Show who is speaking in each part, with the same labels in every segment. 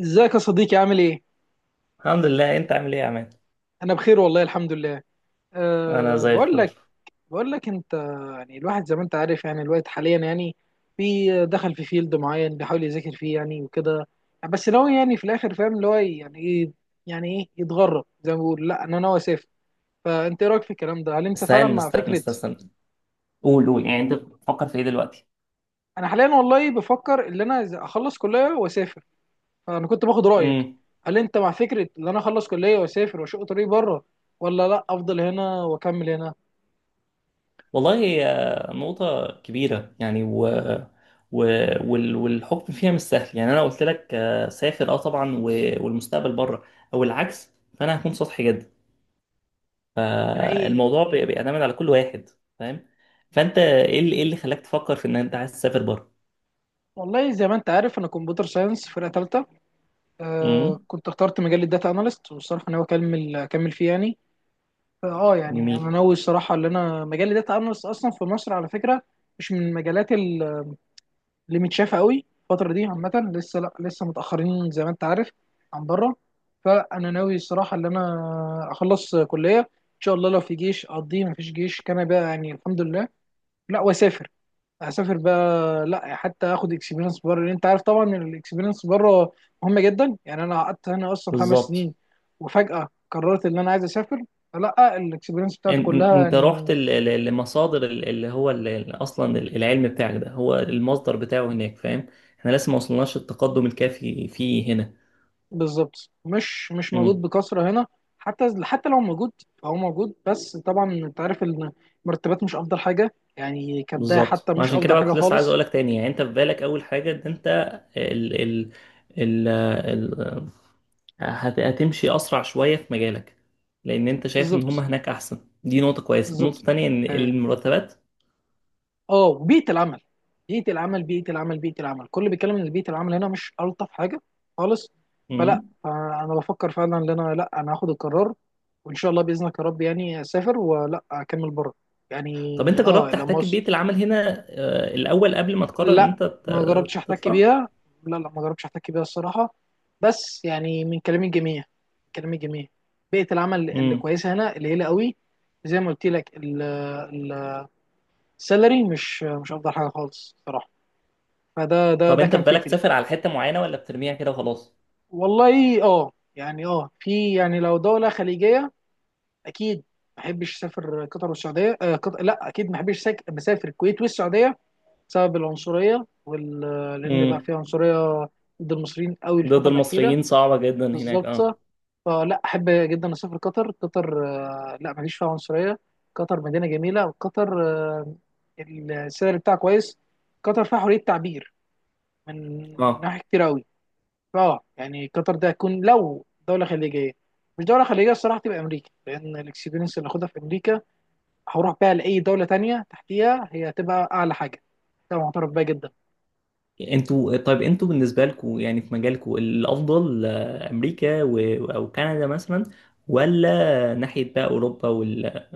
Speaker 1: ازيك يا صديقي، عامل ايه؟
Speaker 2: الحمد لله، انت عامل ايه يا عماد؟
Speaker 1: انا بخير والله، الحمد لله.
Speaker 2: انا
Speaker 1: أه،
Speaker 2: زي
Speaker 1: بقول
Speaker 2: الفل.
Speaker 1: لك بقول لك انت، يعني الواحد زي ما انت عارف، يعني الوقت حاليا يعني في دخل في فيلد معين بيحاول يذاكر فيه يعني وكده. بس ناوي يعني في الاخر، فاهم اللي هو يعني ايه؟ يعني ايه يتغرب؟ زي ما بيقول لا، انا ناوي اسافر. فانت ايه رايك في الكلام ده؟ هل انت فعلا
Speaker 2: استنى
Speaker 1: مع
Speaker 2: استنى
Speaker 1: فكره
Speaker 2: استنى استنى. قول قول، يعني انت بتفكر في ايه دلوقتي؟
Speaker 1: انا حاليا والله بفكر ان انا إذا اخلص كليه واسافر، فانا كنت باخد رايك.
Speaker 2: امم.
Speaker 1: هل انت مع فكره ان انا اخلص كليه واسافر واشق طريق بره، ولا لا افضل هنا واكمل هنا؟
Speaker 2: والله آه، نقطة كبيرة يعني و... والحكم فيها مش سهل. يعني انا قلت لك آه، سافر اه طبعا والمستقبل بره، او العكس. فانا هكون سطحي جدا.
Speaker 1: من اي؟
Speaker 2: فالموضوع بيعتمد على كل واحد، فاهم؟ فانت إيه اللي خلاك تفكر في ان انت عايز تسافر بره؟
Speaker 1: والله زي ما انت عارف انا كمبيوتر ساينس فرقه ثالثه. آه،
Speaker 2: امم.
Speaker 1: كنت اخترت مجال الداتا اناليست والصراحه ناوي اكمل فيه يعني. اه يعني انا
Speaker 2: جميل.
Speaker 1: ناوي الصراحه ان انا مجال الداتا اناليست اصلا في مصر على فكره مش من المجالات اللي متشافه قوي الفتره دي عامه. لسه لا لسه متاخرين زي ما انت عارف عن بره. فانا ناوي الصراحه ان انا اخلص كليه ان شاء الله، لو في جيش اقضيه، مفيش جيش كان بقى يعني الحمد لله، لا واسافر. هسافر بقى، لا حتى اخد اكسبيرينس بره، لان انت عارف طبعا ان الاكسبيرينس بره مهمه جدا. يعني انا قعدت هنا اصلا خمس
Speaker 2: بالظبط.
Speaker 1: سنين، وفجاه قررت ان انا عايز اسافر، فلا الاكسبيرينس بتاعتي كلها
Speaker 2: انت رحت
Speaker 1: يعني.
Speaker 2: لمصادر اللي هو اصلا العلم بتاعك ده، هو المصدر بتاعه هناك. فاهم، احنا لسه ما وصلناش التقدم الكافي فيه هنا.
Speaker 1: بالظبط، مش موجود
Speaker 2: امم.
Speaker 1: بكثره هنا. حتى لو موجود فهو موجود، بس طبعا انت عارف ان المرتبات مش افضل حاجه يعني كبدايه،
Speaker 2: بالظبط،
Speaker 1: حتى
Speaker 2: ما
Speaker 1: مش
Speaker 2: عشان كده
Speaker 1: افضل
Speaker 2: بقى
Speaker 1: حاجه
Speaker 2: كنت لسه عايز
Speaker 1: خالص.
Speaker 2: اقولك تاني. يعني انت في بالك اول حاجه ان انت ال ال ال ال هتمشي اسرع شويه في مجالك، لان انت شايف ان هم
Speaker 1: بالظبط.
Speaker 2: هناك احسن. دي نقطه كويسه. النقطه
Speaker 1: بالظبط.
Speaker 2: التانيه ان
Speaker 1: آه.
Speaker 2: المرتبات.
Speaker 1: اه، بيئه العمل. بيئه العمل كل بيتكلم ان بيئه العمل هنا مش الطف حاجه خالص. فلا،
Speaker 2: امم.
Speaker 1: فانا بفكر فعلا ان انا لا، انا هاخد القرار، وان شاء الله باذنك يا رب يعني اسافر ولا اكمل بره يعني.
Speaker 2: طب انت
Speaker 1: اه،
Speaker 2: جربت
Speaker 1: لما
Speaker 2: تحتك ببيئه العمل هنا الاول قبل ما تقرر ان
Speaker 1: لا
Speaker 2: انت
Speaker 1: ما جربتش احتك
Speaker 2: تطلع؟
Speaker 1: بيها. لا ما جربتش احتك بيها الصراحه، بس يعني من كلام الجميع. كلام الجميع، بيئه العمل اللي
Speaker 2: امم.
Speaker 1: كويسه هنا قليله قوي. زي ما قلت لك السالري مش افضل حاجه خالص صراحه. فده ده
Speaker 2: طب
Speaker 1: ده
Speaker 2: انت
Speaker 1: كان
Speaker 2: في بالك
Speaker 1: فكري.
Speaker 2: تسافر على حتة معينة، ولا بترميها كده وخلاص؟
Speaker 1: والله اه يعني اه في يعني لو دولة خليجية اكيد، ما احبش اسافر قطر والسعودية. آه، قطر لا اكيد، ما احبش مسافر الكويت والسعودية، بسبب العنصرية وال... لان بقى
Speaker 2: امم.
Speaker 1: في عنصرية ضد المصريين قوي
Speaker 2: ضد
Speaker 1: الفترة الأخيرة.
Speaker 2: المصريين صعبة جدا هناك،
Speaker 1: بالظبط.
Speaker 2: اه.
Speaker 1: فلا احب جدا اسافر قطر. قطر آه لا، ما فيش فيها عنصرية. قطر مدينة جميلة، وقطر آه السعر بتاعها كويس. قطر فيها حرية تعبير من
Speaker 2: اه.
Speaker 1: ناحية كتير قوي. اه يعني قطر ده هيكون لو دوله خليجيه. مش دوله خليجيه الصراحه تبقى امريكا، لان الاكسبيرينس اللي هاخدها في امريكا هروح بيها لاي دوله تانية تحتيها، هي هتبقى اعلى حاجه. ده معترف بيها جدا.
Speaker 2: طيب انتوا بالنسبة لكم يعني في مجالكم الافضل امريكا او كندا مثلا، ولا ناحية بقى اوروبا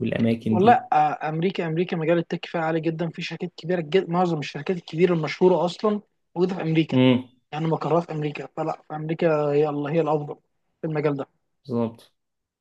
Speaker 2: والاماكن
Speaker 1: والله
Speaker 2: دي؟
Speaker 1: آه، امريكا. امريكا مجال التك فيها عالي جدا، في شركات كبيره جدا، معظم الشركات الكبيره المشهوره اصلا موجوده في امريكا،
Speaker 2: امم.
Speaker 1: يعني مقرها في امريكا. فلا في امريكا هي الله هي الافضل في المجال ده.
Speaker 2: بالظبط،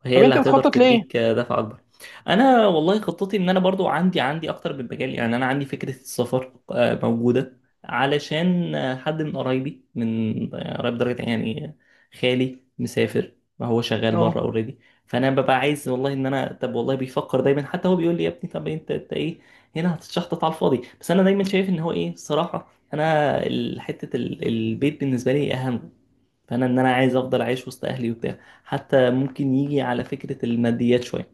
Speaker 2: هي
Speaker 1: طب
Speaker 2: اللي
Speaker 1: انت
Speaker 2: هتقدر
Speaker 1: بتخطط
Speaker 2: تديك
Speaker 1: لايه؟
Speaker 2: دفع اكبر. انا والله خطتي ان انا برضو عندي اكتر من مجال. يعني انا عندي فكره السفر آه، موجوده، علشان آه، حد من قرايبي، من آه، قرايب درجه يعني، خالي مسافر، ما هو شغال
Speaker 1: اه.
Speaker 2: بره اوريدي. فانا ببقى عايز والله ان انا، طب والله بيفكر دايما، حتى هو بيقول لي يا ابني، طب انت ايه هنا هتتشحطط على الفاضي. بس انا دايما شايف ان هو ايه الصراحه، انا حته البيت بالنسبه لي اهم. فانا ان انا عايز افضل عايش وسط اهلي وبتاع. حتى ممكن يجي على فكره الماديات شويه.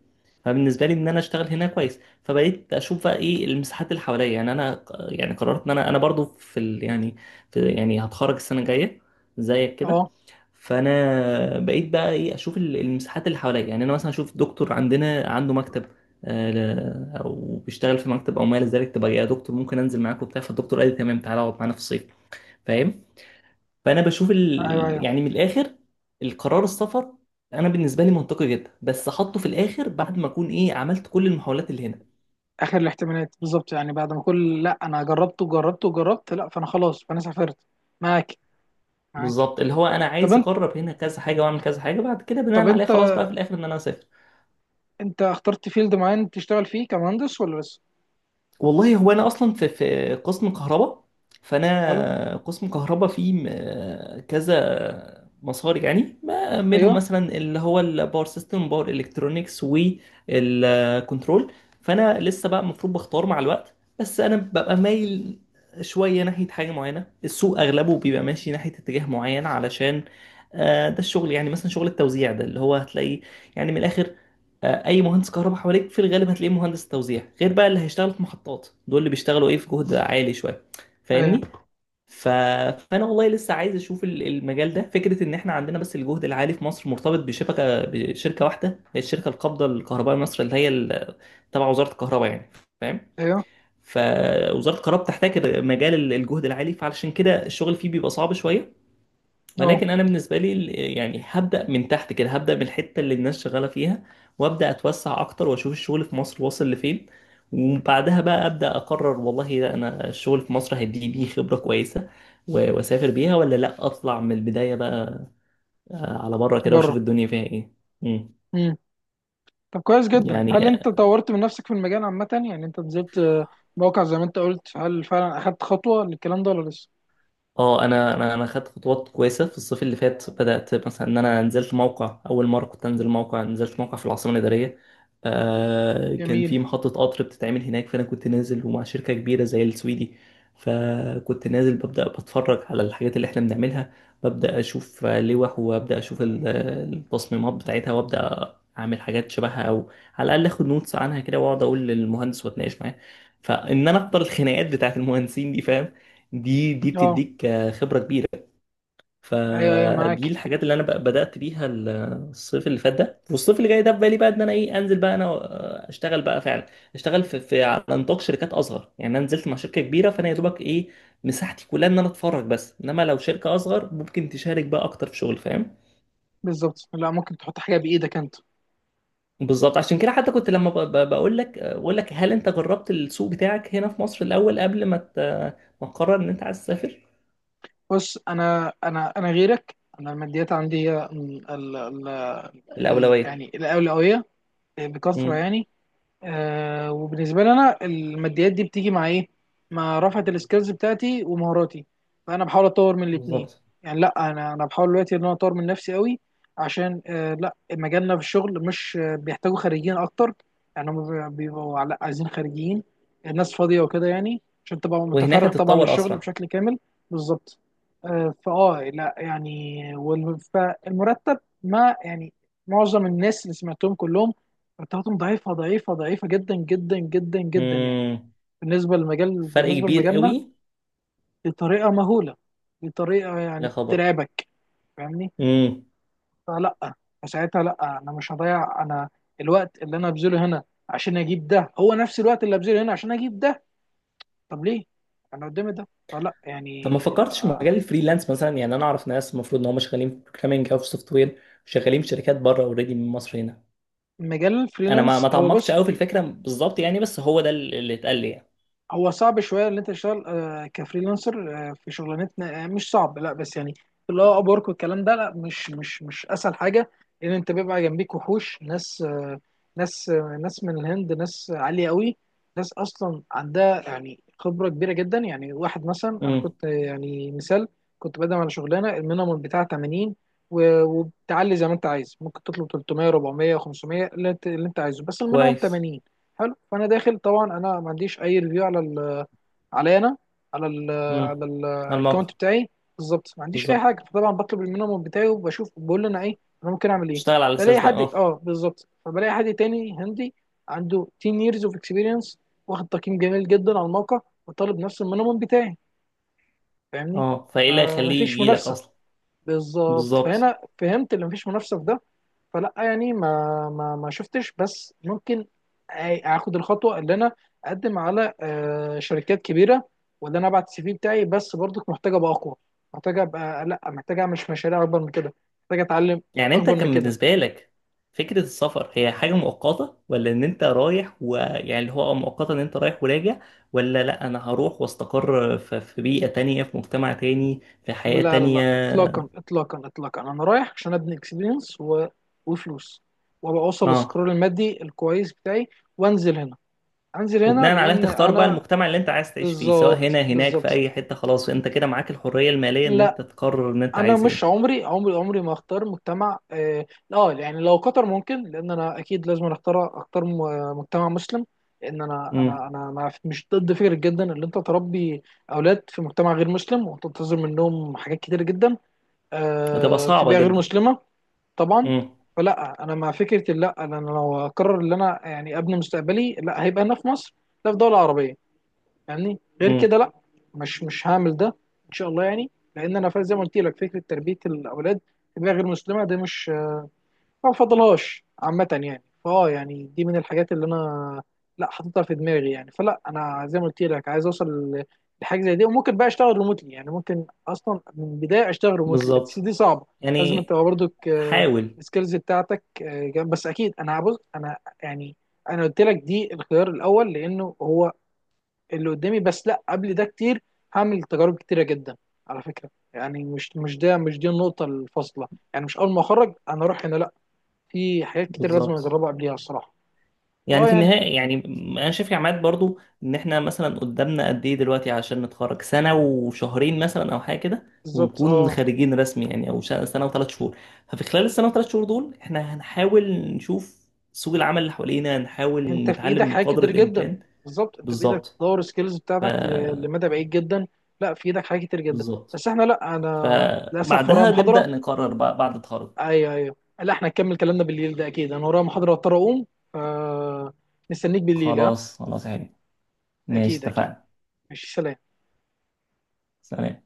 Speaker 2: فبالنسبه لي ان انا اشتغل هنا كويس، فبقيت اشوف بقى ايه المساحات اللي حواليا. يعني انا يعني قررت ان انا برضو في ال يعني في يعني هتخرج السنه الجايه زيك كده.
Speaker 1: اه.
Speaker 2: فانا بقيت بقى ايه اشوف المساحات اللي حواليا. يعني انا مثلا اشوف دكتور عندنا عنده مكتب او بيشتغل في مكتب او ما الى ذلك، تبقى يا دكتور ممكن انزل معاك وبتاع. فالدكتور قال لي تمام، تعالى اقعد معانا في الصيف. فاهم؟ فانا بشوف
Speaker 1: ايوه، ايوه.
Speaker 2: يعني من الاخر، القرار السفر انا بالنسبه لي منطقي جدا، بس احطه في الاخر بعد ما اكون ايه عملت كل المحاولات اللي هنا.
Speaker 1: اخر الاحتمالات بالظبط، يعني بعد ما كل لا، انا جربت وجربت وجربت، لا فانا خلاص فانا سافرت. معاك. معاك.
Speaker 2: بالظبط، اللي هو انا
Speaker 1: طب
Speaker 2: عايز
Speaker 1: انت
Speaker 2: اجرب هنا كذا حاجه واعمل كذا حاجه، بعد كده
Speaker 1: طب
Speaker 2: بناء عليه
Speaker 1: انت
Speaker 2: خلاص بقى في الاخر ان انا اسافر.
Speaker 1: انت اخترت فيلد معين تشتغل فيه كمهندس ولا لسه؟
Speaker 2: والله هو انا اصلا في قسم كهرباء.
Speaker 1: حلو.
Speaker 2: فانا قسم كهرباء فيه كذا مسار. يعني ما منهم
Speaker 1: ايوه،
Speaker 2: مثلا اللي هو الباور سيستم، باور الكترونكس، والكنترول. فانا لسه بقى المفروض بختار مع الوقت. بس انا ببقى مايل شويه ناحيه حاجه معينه، السوق اغلبه بيبقى ماشي ناحيه اتجاه معين، علشان ده الشغل. يعني مثلا شغل التوزيع ده اللي هو هتلاقيه، يعني من الاخر اي مهندس كهرباء حواليك في الغالب هتلاقيه مهندس توزيع، غير بقى اللي هيشتغل في محطات. دول اللي بيشتغلوا ايه في جهد عالي شويه،
Speaker 1: ايوه.
Speaker 2: فاهمني؟ ف... فانا والله لسه عايز اشوف المجال ده، فكره ان احنا عندنا بس الجهد العالي في مصر مرتبط بشركه واحده، هي الشركه القابضه للكهرباء مصر، اللي هي تبع وزاره الكهرباء يعني. فاهم؟
Speaker 1: ايوه.
Speaker 2: فوزاره الكهرباء بتحتاج مجال الجهد العالي، فعلشان كده الشغل فيه بيبقى صعب شويه.
Speaker 1: اه.
Speaker 2: ولكن انا بالنسبه لي يعني هبدا من تحت كده، هبدا من الحته اللي الناس شغاله فيها، وابدا اتوسع اكتر، واشوف الشغل في مصر واصل لفين. وبعدها بقى ابدا اقرر، والله لا انا الشغل في مصر هيديني بيه خبره كويسه واسافر بيها، ولا لا اطلع من البدايه بقى على بره كده،
Speaker 1: بره.
Speaker 2: واشوف الدنيا فيها ايه. مم.
Speaker 1: امم. طب كويس جدا، هل
Speaker 2: يعني
Speaker 1: انت طورت من نفسك في المجال عامه؟ يعني انت نزلت آه، موقع زي ما انت قلت، هل فعلا اخدت خطوه للكلام ده ولا لسه؟
Speaker 2: اه، انا خدت خطوات كويسه في الصيف اللي فات. بدات مثلا ان انا نزلت موقع، اول مره كنت انزل موقع، نزلت موقع في العاصمه الاداريه، كان
Speaker 1: جميل.
Speaker 2: في محطه قطر بتتعمل هناك، فانا كنت نازل ومع شركه كبيره زي السويدي. فكنت نازل ببدا بتفرج على الحاجات اللي احنا بنعملها، ببدا اشوف لوح، وابدا اشوف التصميمات بتاعتها، وابدا اعمل حاجات شبهها، او على الاقل اخد نوتس عنها كده، واقعد اقول للمهندس واتناقش معاه. فان انا اقدر الخناقات بتاعت المهندسين دي، فاهم؟ دي
Speaker 1: اه،
Speaker 2: بتديك خبرة كبيرة.
Speaker 1: ايوه، ايوه،
Speaker 2: فدي
Speaker 1: معاك.
Speaker 2: الحاجات اللي انا بدأت بيها الصيف اللي فات ده. والصيف اللي جاي ده، في بالي بقى ان انا ايه، انزل بقى انا اشتغل بقى فعلا. اشتغل في على نطاق شركات اصغر. يعني انا نزلت مع شركة كبيرة، فانا يا دوبك ايه مساحتي كلها ان انا اتفرج بس، انما لو شركة اصغر ممكن تشارك بقى اكتر في شغل، فاهم.
Speaker 1: بالظبط، لا ممكن تحط حاجه بايدك انت.
Speaker 2: بالظبط، عشان كده حتى كنت لما بقول لك هل انت جربت السوق بتاعك هنا في مصر الاول قبل ما ما تقرر ان انت عايز تسافر.
Speaker 1: بص انا انا غيرك، انا الماديات عندي هي ال
Speaker 2: الاولوية.
Speaker 1: يعني الاولويه بكثره
Speaker 2: امم.
Speaker 1: يعني. آه، وبالنسبه لي انا الماديات دي بتيجي مع ايه؟ مع رفعه السكيلز بتاعتي ومهاراتي، فانا بحاول اطور من الاثنين
Speaker 2: بالظبط،
Speaker 1: يعني. لا انا بحاول دلوقتي ان انا اطور من نفسي قوي، عشان آه لا، مجالنا في الشغل مش آه، بيحتاجوا خريجين اكتر يعني. هم بيبقوا على- عايزين خريجين، الناس فاضيه وكده، يعني عشان تبقى
Speaker 2: وهناك
Speaker 1: متفرغ طبعا
Speaker 2: هتتطور
Speaker 1: للشغل
Speaker 2: اسرع.
Speaker 1: بشكل كامل. بالظبط. آه فاه لا يعني، والم- فالمرتب، ما يعني معظم الناس اللي سمعتهم كلهم التلاته ضعيفه ضعيفه جدا جدا جدا جدا يعني،
Speaker 2: امم.
Speaker 1: بالنسبه للمجال،
Speaker 2: فرق
Speaker 1: بالنسبه
Speaker 2: كبير
Speaker 1: لمجالنا.
Speaker 2: قوي.
Speaker 1: بطريقه مهوله، بطريقه
Speaker 2: يا
Speaker 1: يعني
Speaker 2: خبر.
Speaker 1: ترعبك. فاهمني.
Speaker 2: امم.
Speaker 1: فلا، فساعتها لا، انا مش هضيع. انا الوقت اللي انا هبذله هنا عشان اجيب ده هو نفس الوقت اللي هبذله هنا عشان اجيب ده، طب ليه؟ انا قدامي ده فلا
Speaker 2: طب ما
Speaker 1: يعني.
Speaker 2: فكرتش في مجال الفريلانس مثلا؟ يعني انا اعرف ناس المفروض ان هم شغالين في بروجرامنج او في سوفت وير، شغالين في شركات بره اوريدي من مصر هنا.
Speaker 1: مجال
Speaker 2: انا ما
Speaker 1: الفريلانس،
Speaker 2: ما
Speaker 1: هو
Speaker 2: تعمقتش
Speaker 1: بص
Speaker 2: قوي في الفكره بالظبط، يعني بس هو ده اللي اتقال لي يعني.
Speaker 1: هو صعب شويه ان انت تشتغل آه، كفريلانسر آه، في شغلانتنا. آه، مش صعب، لا بس يعني اللي هو اب ورك والكلام ده لا، مش اسهل حاجه، لان انت بيبقى جنبيك وحوش ناس آه، ناس آه، ناس من الهند، ناس عاليه قوي، ناس اصلا عندها يعني خبره كبيره جدا. يعني واحد مثلا، انا
Speaker 2: امم.
Speaker 1: كنت آه، يعني مثال، كنت بقدم على شغلانه، المينيمم بتاعها 80 وبتعلي زي ما انت عايز ممكن تطلب 300 400 500 اللي انت عايزه بس المينيمم
Speaker 2: كويس.
Speaker 1: 80. حلو، فانا داخل طبعا، انا ما عنديش اي ريفيو على ال، علي انا، على ال، على
Speaker 2: امم. على
Speaker 1: الاكونت
Speaker 2: الموقع.
Speaker 1: بتاعي. بالظبط ما عنديش اي
Speaker 2: بالظبط،
Speaker 1: حاجه، فطبعا بطلب المينيمم بتاعي وبشوف، بقول له انا ايه، انا ممكن اعمل ايه.
Speaker 2: تشتغل على
Speaker 1: بلاقي
Speaker 2: الاساس ده،
Speaker 1: حد
Speaker 2: اه.
Speaker 1: اه بالظبط، فبلاقي حد تاني هندي عنده 10 years of experience، واخد تقييم جميل جدا على الموقع، وطالب نفس المينيمم بتاعي. فاهمني.
Speaker 2: اه، فايه اللي
Speaker 1: آه،
Speaker 2: هيخليه
Speaker 1: مفيش
Speaker 2: يجي لك
Speaker 1: منافسه.
Speaker 2: اصلا؟
Speaker 1: بالظبط،
Speaker 2: بالظبط.
Speaker 1: فهنا فهمت اللي مفيش منافسه في ده. فلا يعني ما شفتش، بس ممكن أ- اخد الخطوه اللي انا اقدم على آه، شركات كبيره، وان انا ابعت السي في بتاعي. بس برضك محتاجه ابقى اقوى، محتاجه ابقى لا، محتاجه اعمل مشاريع اكبر من كده، محتاجه اتعلم
Speaker 2: يعني انت
Speaker 1: اكبر من
Speaker 2: كان
Speaker 1: كده.
Speaker 2: بالنسبة لك فكرة السفر هي حاجة مؤقتة، ولا ان انت رايح، ويعني اللي هو مؤقتة ان انت رايح وراجع؟ ولا لا انا هروح واستقر في بيئة تانية، في مجتمع تاني، في حياة
Speaker 1: لا لا
Speaker 2: تانية.
Speaker 1: لا اطلاقا اطلاقا، انا رايح عشان ابني اكسبيرينس و... وفلوس، وابقى اوصل
Speaker 2: اه،
Speaker 1: للسكرول المادي الكويس بتاعي، وانزل هنا. انزل هنا
Speaker 2: وبناء عليها
Speaker 1: لان
Speaker 2: تختار بقى
Speaker 1: انا
Speaker 2: المجتمع اللي انت عايز تعيش فيه، سواء
Speaker 1: بالظبط.
Speaker 2: هنا هناك في
Speaker 1: بالظبط.
Speaker 2: اي حتة، خلاص انت كده معاك الحرية المالية ان
Speaker 1: لا،
Speaker 2: انت تقرر ان انت
Speaker 1: انا
Speaker 2: عايز
Speaker 1: مش
Speaker 2: ايه.
Speaker 1: عمري عمري ما اختار مجتمع اه آه، يعني لو قطر ممكن، لان انا اكيد لازم اختار م- مجتمع مسلم. لان انا
Speaker 2: امم.
Speaker 1: انا انا انا مش ضد فكره جدا ان انت تربي اولاد في مجتمع غير مسلم، وتنتظر منهم حاجات كتيره جدا
Speaker 2: هتبقى
Speaker 1: آه في
Speaker 2: صعبة
Speaker 1: بيئه غير
Speaker 2: جدا.
Speaker 1: مسلمه. طبعا.
Speaker 2: امم.
Speaker 1: فلا انا مع فكره، لا انا لو اقرر ان انا يعني ابني مستقبلي، لا هيبقى هنا في مصر، لا في دوله عربيه يعني، غير
Speaker 2: امم.
Speaker 1: كده لا، مش هعمل ده ان شاء الله يعني. لان انا فا- زي ما قلت لك فكره تربيه الاولاد في بيئه غير مسلمه ده مش، ما بفضلهاش عامه يعني. فاه يعني دي من الحاجات اللي انا لا حاططها في دماغي يعني. فلا انا زي ما قلت لك عايز اوصل ل- لحاجه زي دي، وممكن بقى اشتغل ريموتلي يعني. ممكن اصلا من البدايه اشتغل ريموتلي، بس
Speaker 2: بالظبط.
Speaker 1: دي صعبه. لازم انت
Speaker 2: يعني
Speaker 1: برضك
Speaker 2: حاول.
Speaker 1: السكيلز بتاعتك آه، جنب-. بس اكيد انا هبص انا يعني، انا قلت لك دي الخيار الاول لانه هو اللي قدامي، بس لا قبل ده كتير هعمل تجارب كتيره جدا على فكره، يعني مش مش ده مش دي النقطه الفاصله يعني، مش اول ما اخرج انا اروح هنا، لا. في حاجات كتير لازم
Speaker 2: بالظبط.
Speaker 1: اجربها قبليها الصراحه.
Speaker 2: يعني
Speaker 1: اه
Speaker 2: في
Speaker 1: يعني.
Speaker 2: النهاية، يعني أنا شايف يا عماد برضو إن إحنا مثلا قدامنا قد إيه دلوقتي، عشان نتخرج سنة وشهرين مثلا أو حاجة كده،
Speaker 1: بالظبط
Speaker 2: ونكون
Speaker 1: اه.
Speaker 2: خارجين رسمي، يعني أو سنة و3 شهور. ففي خلال السنة و3 شهور دول إحنا هنحاول نشوف سوق العمل اللي حوالينا، هنحاول
Speaker 1: انت في ايدك
Speaker 2: نتعلم
Speaker 1: حاجات
Speaker 2: بقدر
Speaker 1: كتير جدا.
Speaker 2: الإمكان.
Speaker 1: بالظبط، انت في ايدك
Speaker 2: بالظبط.
Speaker 1: تطور السكيلز
Speaker 2: ف
Speaker 1: بتاعتك ل- لمدى بعيد جدا. لا في ايدك حاجات كتير جدا.
Speaker 2: بالظبط.
Speaker 1: بس احنا لا، انا للاسف ورايا
Speaker 2: فبعدها نبدأ
Speaker 1: محاضره.
Speaker 2: نقرر بقى بعد التخرج.
Speaker 1: ايوه، ايوه، لا احنا نكمل كلامنا بالليل ده اكيد. انا ورايا محاضره، اضطر اقوم. ف، مستنيك بالليل ها؟
Speaker 2: خلاص خلاص يا حبيبي، ماشي،
Speaker 1: اكيد، اكيد.
Speaker 2: اتفقنا.
Speaker 1: ماشي، سلام.
Speaker 2: سلام.